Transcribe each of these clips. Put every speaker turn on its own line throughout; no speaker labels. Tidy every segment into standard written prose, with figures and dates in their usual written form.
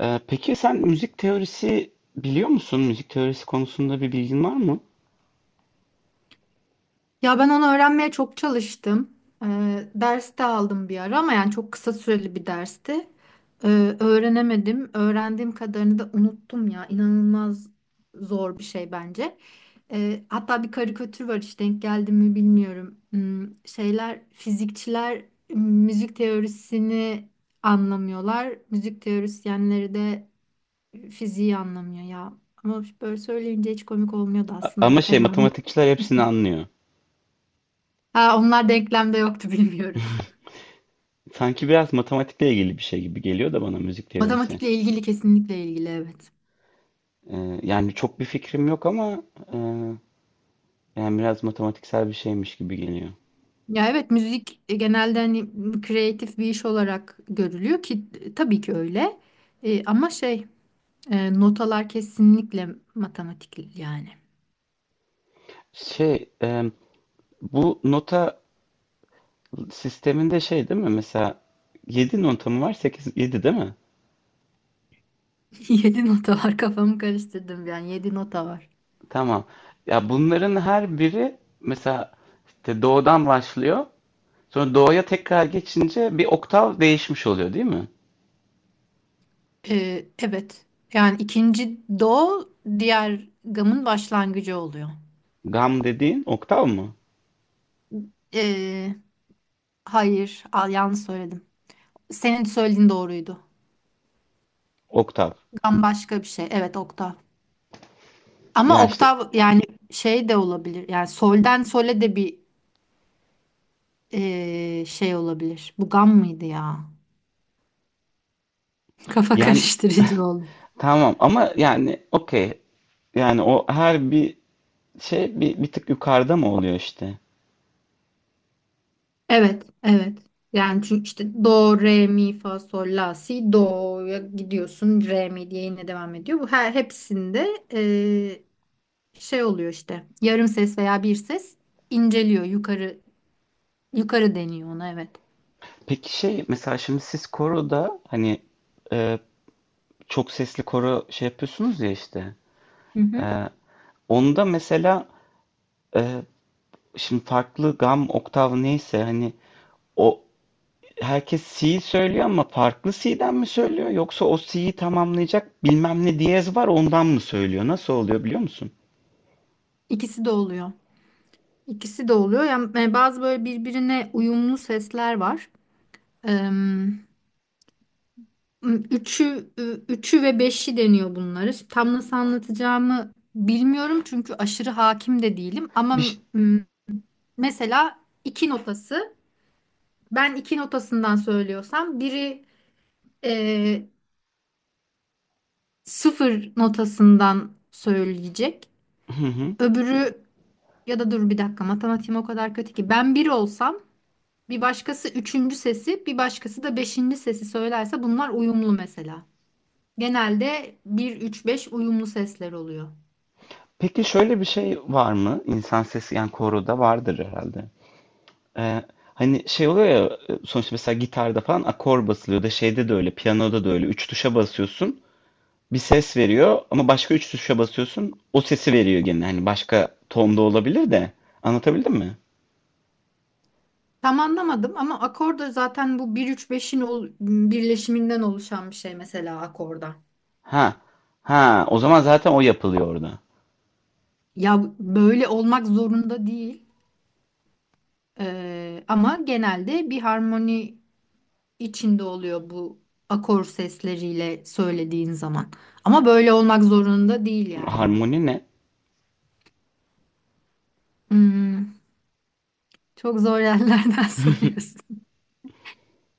Peki sen müzik teorisi biliyor musun? Müzik teorisi konusunda bir bilgin var mı?
Ya ben onu öğrenmeye çok çalıştım. Ders de aldım bir ara ama yani çok kısa süreli bir dersti. Öğrenemedim. Öğrendiğim kadarını da unuttum ya. İnanılmaz zor bir şey bence. Hatta bir karikatür var işte denk geldi mi bilmiyorum. Fizikçiler müzik teorisini anlamıyorlar. Müzik teorisyenleri de fiziği anlamıyor ya. Ama böyle söyleyince hiç komik olmuyordu
A-
aslında
ama şey
fena bir.
matematikçiler hepsini anlıyor.
Ha, onlar denklemde yoktu bilmiyorum.
Sanki biraz matematikle ilgili bir şey gibi geliyor da bana müzik teorisi.
Matematikle ilgili kesinlikle ilgili evet.
Yani çok bir fikrim yok ama e, yani biraz matematiksel bir şeymiş gibi geliyor.
Ya evet müzik genelde hani kreatif bir iş olarak görülüyor ki tabii ki öyle. Ama şey notalar kesinlikle matematik yani.
Şey bu nota sisteminde şey değil mi? Mesela 7 nota mı var? Sekiz yedi değil mi?
Yedi nota var, kafamı karıştırdım, yani yedi nota var.
Tamam. Ya bunların her biri mesela işte do'dan başlıyor. Sonra do'ya tekrar geçince bir oktav değişmiş oluyor değil mi?
Evet, yani ikinci do diğer gamın başlangıcı oluyor.
Gam dediğin oktav mı?
E, hayır al, yanlış söyledim. Senin söylediğin doğruydu.
Oktav.
Gam başka bir şey. Evet, oktav. Ama
Yani işte
oktav yani şey de olabilir. Yani solden sole de bir şey olabilir. Bu gam mıydı ya? Kafa
yani
karıştırıcı oldu.
tamam ama yani okey. Yani o her bir şey bir, tık yukarıda mı oluyor işte?
Evet, evet. Yani çünkü işte do, re, mi, fa, sol, la, si, do'ya gidiyorsun. Re, mi diye yine devam ediyor. Bu her hepsinde eee, şey oluyor işte. Yarım ses veya bir ses inceliyor. Yukarı deniyor ona, evet.
Peki şey mesela şimdi siz koroda hani e, çok sesli koro şey yapıyorsunuz ya işte.
Hı hı.
E, Onda mesela e, şimdi farklı gam oktav neyse hani o herkes C söylüyor ama farklı C'den mi söylüyor yoksa o C'yi tamamlayacak bilmem ne diyez var ondan mı söylüyor? Nasıl oluyor biliyor musun?
İkisi de oluyor. İkisi de oluyor. Yani bazı böyle birbirine uyumlu sesler var. Em, üçü ve beşi deniyor bunları. Şimdi tam nasıl anlatacağımı bilmiyorum çünkü aşırı hakim de değilim. Ama
Bir ş-
m, mesela iki notası, ben iki notasından söylüyorsam biri e, sıfır notasından söyleyecek.
hı hı.
Öbürü ya da dur bir dakika, matematiğim o kadar kötü ki, ben bir olsam bir başkası üçüncü sesi bir başkası da beşinci sesi söylerse bunlar uyumlu mesela. Genelde bir üç beş uyumlu sesler oluyor.
Peki şöyle bir şey var mı? İnsan sesi yani koroda vardır herhalde. Ee, Hani şey oluyor ya sonuçta mesela gitarda falan akor basılıyor da şeyde de öyle piyanoda da öyle üç tuşa basıyorsun bir ses veriyor ama başka üç tuşa basıyorsun o sesi veriyor gene hani başka tonda olabilir de anlatabildim mi?
Tam anlamadım ama akorda zaten bu bir üç beşin birleşiminden oluşan bir şey mesela, akorda.
Ha ha, o zaman zaten o yapılıyor orada.
Ya böyle olmak zorunda değil. Ama genelde bir harmoni içinde oluyor bu, akor sesleriyle söylediğin zaman. Ama böyle olmak zorunda değil yani.
Harmoni ne?
Hmm, Çok zor yerlerden soruyorsun.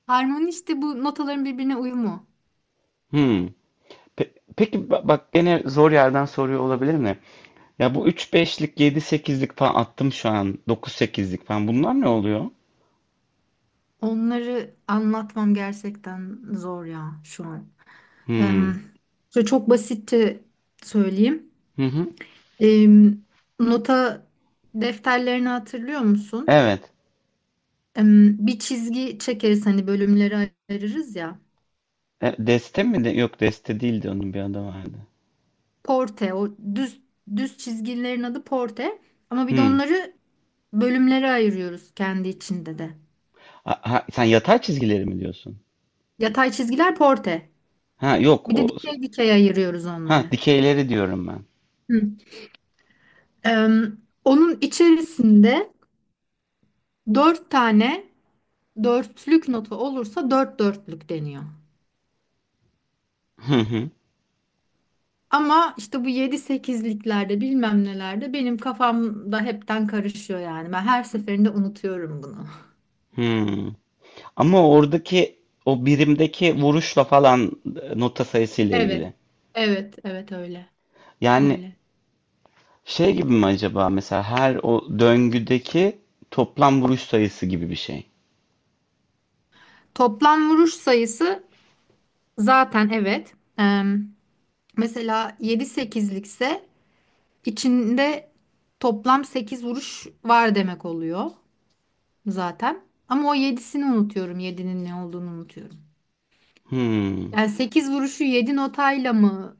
Harmoni işte bu notaların birbirine uyumu.
Hmm. Bak gene zor yerden soruyor olabilir mi? Ya bu üç beşlik, yedi sekizlik falan attım şu an. Dokuz sekizlik falan. Bunlar ne oluyor?
Onları anlatmam gerçekten zor ya şu an.
Hmm.
Em, Şöyle çok basitçe söyleyeyim.
Hı hı.
Em, Nota defterlerini hatırlıyor musun?
Evet.
Bir çizgi çekeriz hani, bölümleri ayırırız ya.
E, deste mi? De? Yok deste değildi onun bir adı vardı.
Porte, o düz çizgilerin adı porte. Ama bir de
Hmm.
onları bölümlere ayırıyoruz kendi içinde de.
Ha, ha, sen yatay çizgileri mi diyorsun?
Yatay çizgiler porte.
Ha yok
Bir
o,
de dikey ayırıyoruz
ha
onları.
dikeyleri diyorum ben.
Hı. Em, Onun içerisinde dört tane dörtlük notu olursa dört dörtlük deniyor.
Hı hı.
Ama işte bu yedi sekizliklerde bilmem nelerde benim kafamda hepten karışıyor yani. Ben her seferinde unutuyorum bunu.
Hmm. Ama oradaki o birimdeki vuruşla falan nota sayısıyla
Evet,
ilgili.
evet, evet öyle,
Yani
öyle.
Şey gibi mi acaba mesela her o döngüdeki toplam vuruş sayısı gibi bir şey.
Toplam vuruş sayısı zaten, evet. Mesela yedi sekizlikse içinde toplam sekiz vuruş var demek oluyor zaten. Ama o yedisini unutuyorum, yedinin ne olduğunu unutuyorum.
Hmm.
Yani 8 vuruşu 7 notayla mı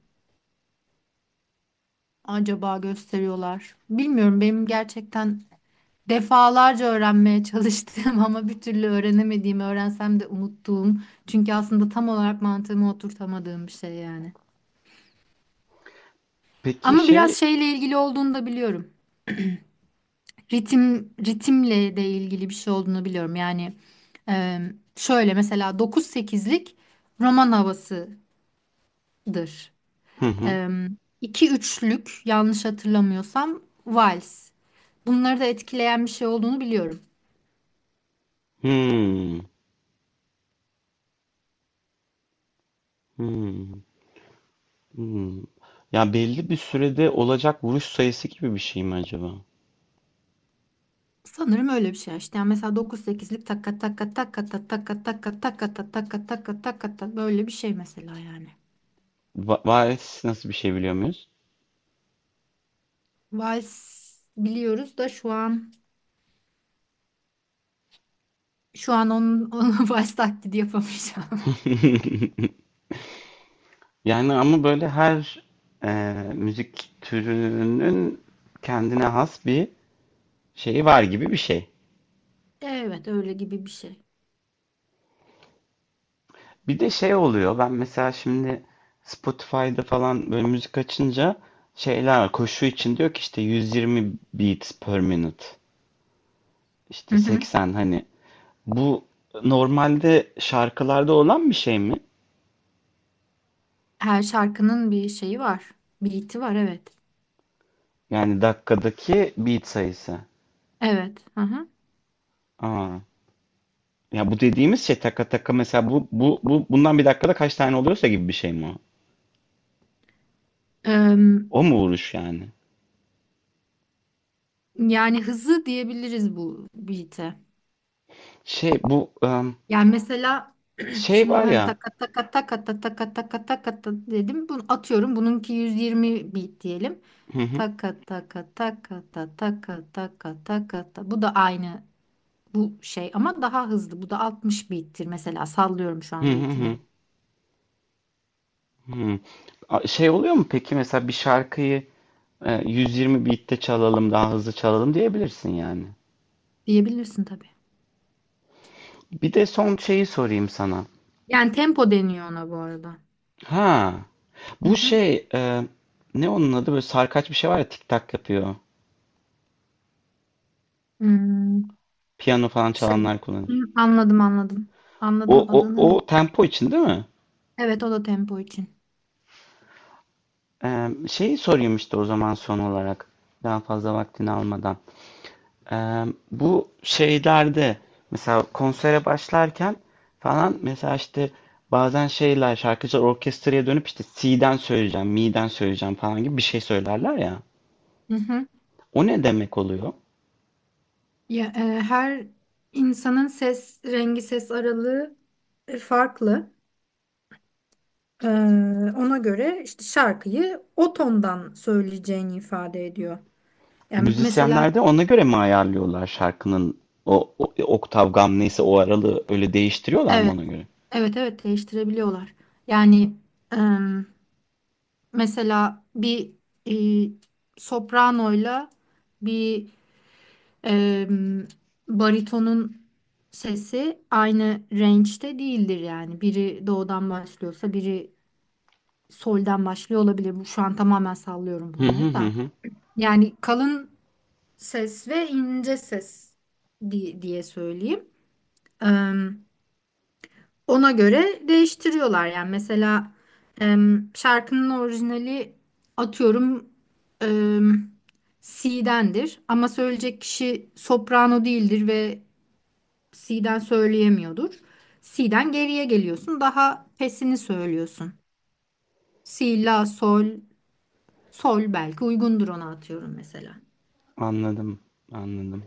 acaba gösteriyorlar? Bilmiyorum, benim gerçekten defalarca öğrenmeye çalıştığım ama bir türlü öğrenemediğim, öğrensem de unuttuğum. Çünkü aslında tam olarak mantığımı oturtamadığım bir şey yani.
Peki
Ama biraz
şey
şeyle ilgili olduğunu da biliyorum. Ritim, ritimle de ilgili bir şey olduğunu biliyorum. Yani e, şöyle mesela dokuz sekizlik roman havasıdır.
hı hı.
E, 2-3'lük yanlış hatırlamıyorsam vals. Bunları da etkileyen bir şey olduğunu biliyorum.
Hmm. Hmm. Hmm. Ya belli bir sürede olacak vuruş sayısı gibi bir şey mi acaba?
Sanırım öyle bir şey işte. Yani mesela 9-8'lik takka takka takka takka takka takka takka takka takka takka takka böyle bir şey mesela yani.
Va varis nasıl bir şey biliyor muyuz?
Vals biliyoruz da şu an onun, onun vals taklidi yapamayacağım.
Yani ama böyle her e, müzik türünün kendine has bir şeyi var gibi bir şey.
Evet öyle gibi bir şey.
Bir de şey oluyor. Ben mesela şimdi Spotify'da falan böyle müzik açınca şeyler var. Koşu için diyor ki işte 120 beats per minute.
Hı
İşte
hı.
80 hani bu normalde şarkılarda olan bir şey mi?
Her şarkının bir şeyi var. Beat'i var, evet.
Yani dakikadaki beat sayısı.
Evet. Hı hı.
Aa. Ya bu dediğimiz şey taka taka mesela bu bundan bir dakikada kaç tane oluyorsa gibi bir şey mi o?
Em,
O mu vuruş yani?
Yani hızı diyebiliriz bu beat'e.
Şey bu
Yani mesela
şey
şimdi
var
ben
ya.
taka taka taka taka taka taka ta dedim. Bunu atıyorum. Bununki 120 bit diyelim.
Hı hı.
Taka taka taka ta taka taka taka ta. Bu da aynı bu şey ama daha hızlı. Bu da 60 bittir mesela. Sallıyorum şu
Hı
an
hı hı.
bitini.
Hmm. Şey oluyor mu peki mesela bir şarkıyı 120 beat'te çalalım daha hızlı çalalım diyebilirsin yani.
Diyebilirsin tabii.
Bir de son şeyi sorayım sana.
Yani tempo deniyor ona bu arada.
Ha
Hı
bu
hı.
şey ne onun adı böyle sarkaç bir şey var ya tik tak yapıyor.
Hmm,
Piyano falan
şey.
çalanlar
Hı,
kullanır.
anladım. Anladım
O
adının.
tempo için değil mi?
Evet, o da tempo için.
E, şeyi sorayım işte o zaman son olarak daha fazla vaktini almadan. Eee, Bu şeylerde mesela konsere başlarken falan mesela işte bazen şeyler şarkıcılar orkestraya dönüp işte C'den söyleyeceğim, mi'den söyleyeceğim falan gibi bir şey söylerler ya.
Hı hı.
O ne demek oluyor?
Ya, her insanın ses rengi, ses aralığı farklı. E, Ona göre işte şarkıyı o tondan söyleyeceğini ifade ediyor. Yani mesela
Müzisyenler de ona göre mi ayarlıyorlar şarkının o oktav gam neyse o aralığı öyle değiştiriyorlar mı
evet,
ona göre?
evet, evet değiştirebiliyorlar. Yani e, mesela bir e, sopranoyla bir e, baritonun sesi aynı range'de değildir yani. Biri doğudan başlıyorsa biri solden başlıyor olabilir. Bu şu an tamamen sallıyorum
Hı hı
bunları
hı
da.
hı.
Yani kalın ses ve ince ses diye söyleyeyim. Em, Ona göre değiştiriyorlar. Yani mesela şarkının orijinali atıyorum em, C'dendir ama söyleyecek kişi soprano değildir ve C'den söyleyemiyordur. C'den geriye geliyorsun. Daha pesini söylüyorsun. Si, la, sol. Sol belki uygundur ona, atıyorum mesela.
Anladım, anladım.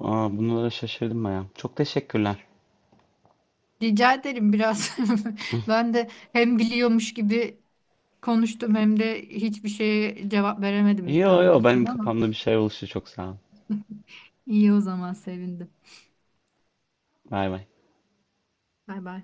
Aa, bunlara şaşırdım baya. Çok teşekkürler.
Rica ederim, biraz ben de hem biliyormuş gibi konuştum hem de hiçbir şeye cevap veremedim
Yo
tam
yo
düzgün
benim
ama
kafamda bir şey oluştu çok sağ ol.
iyi o zaman, sevindim.
Bay bay.
Bay bay.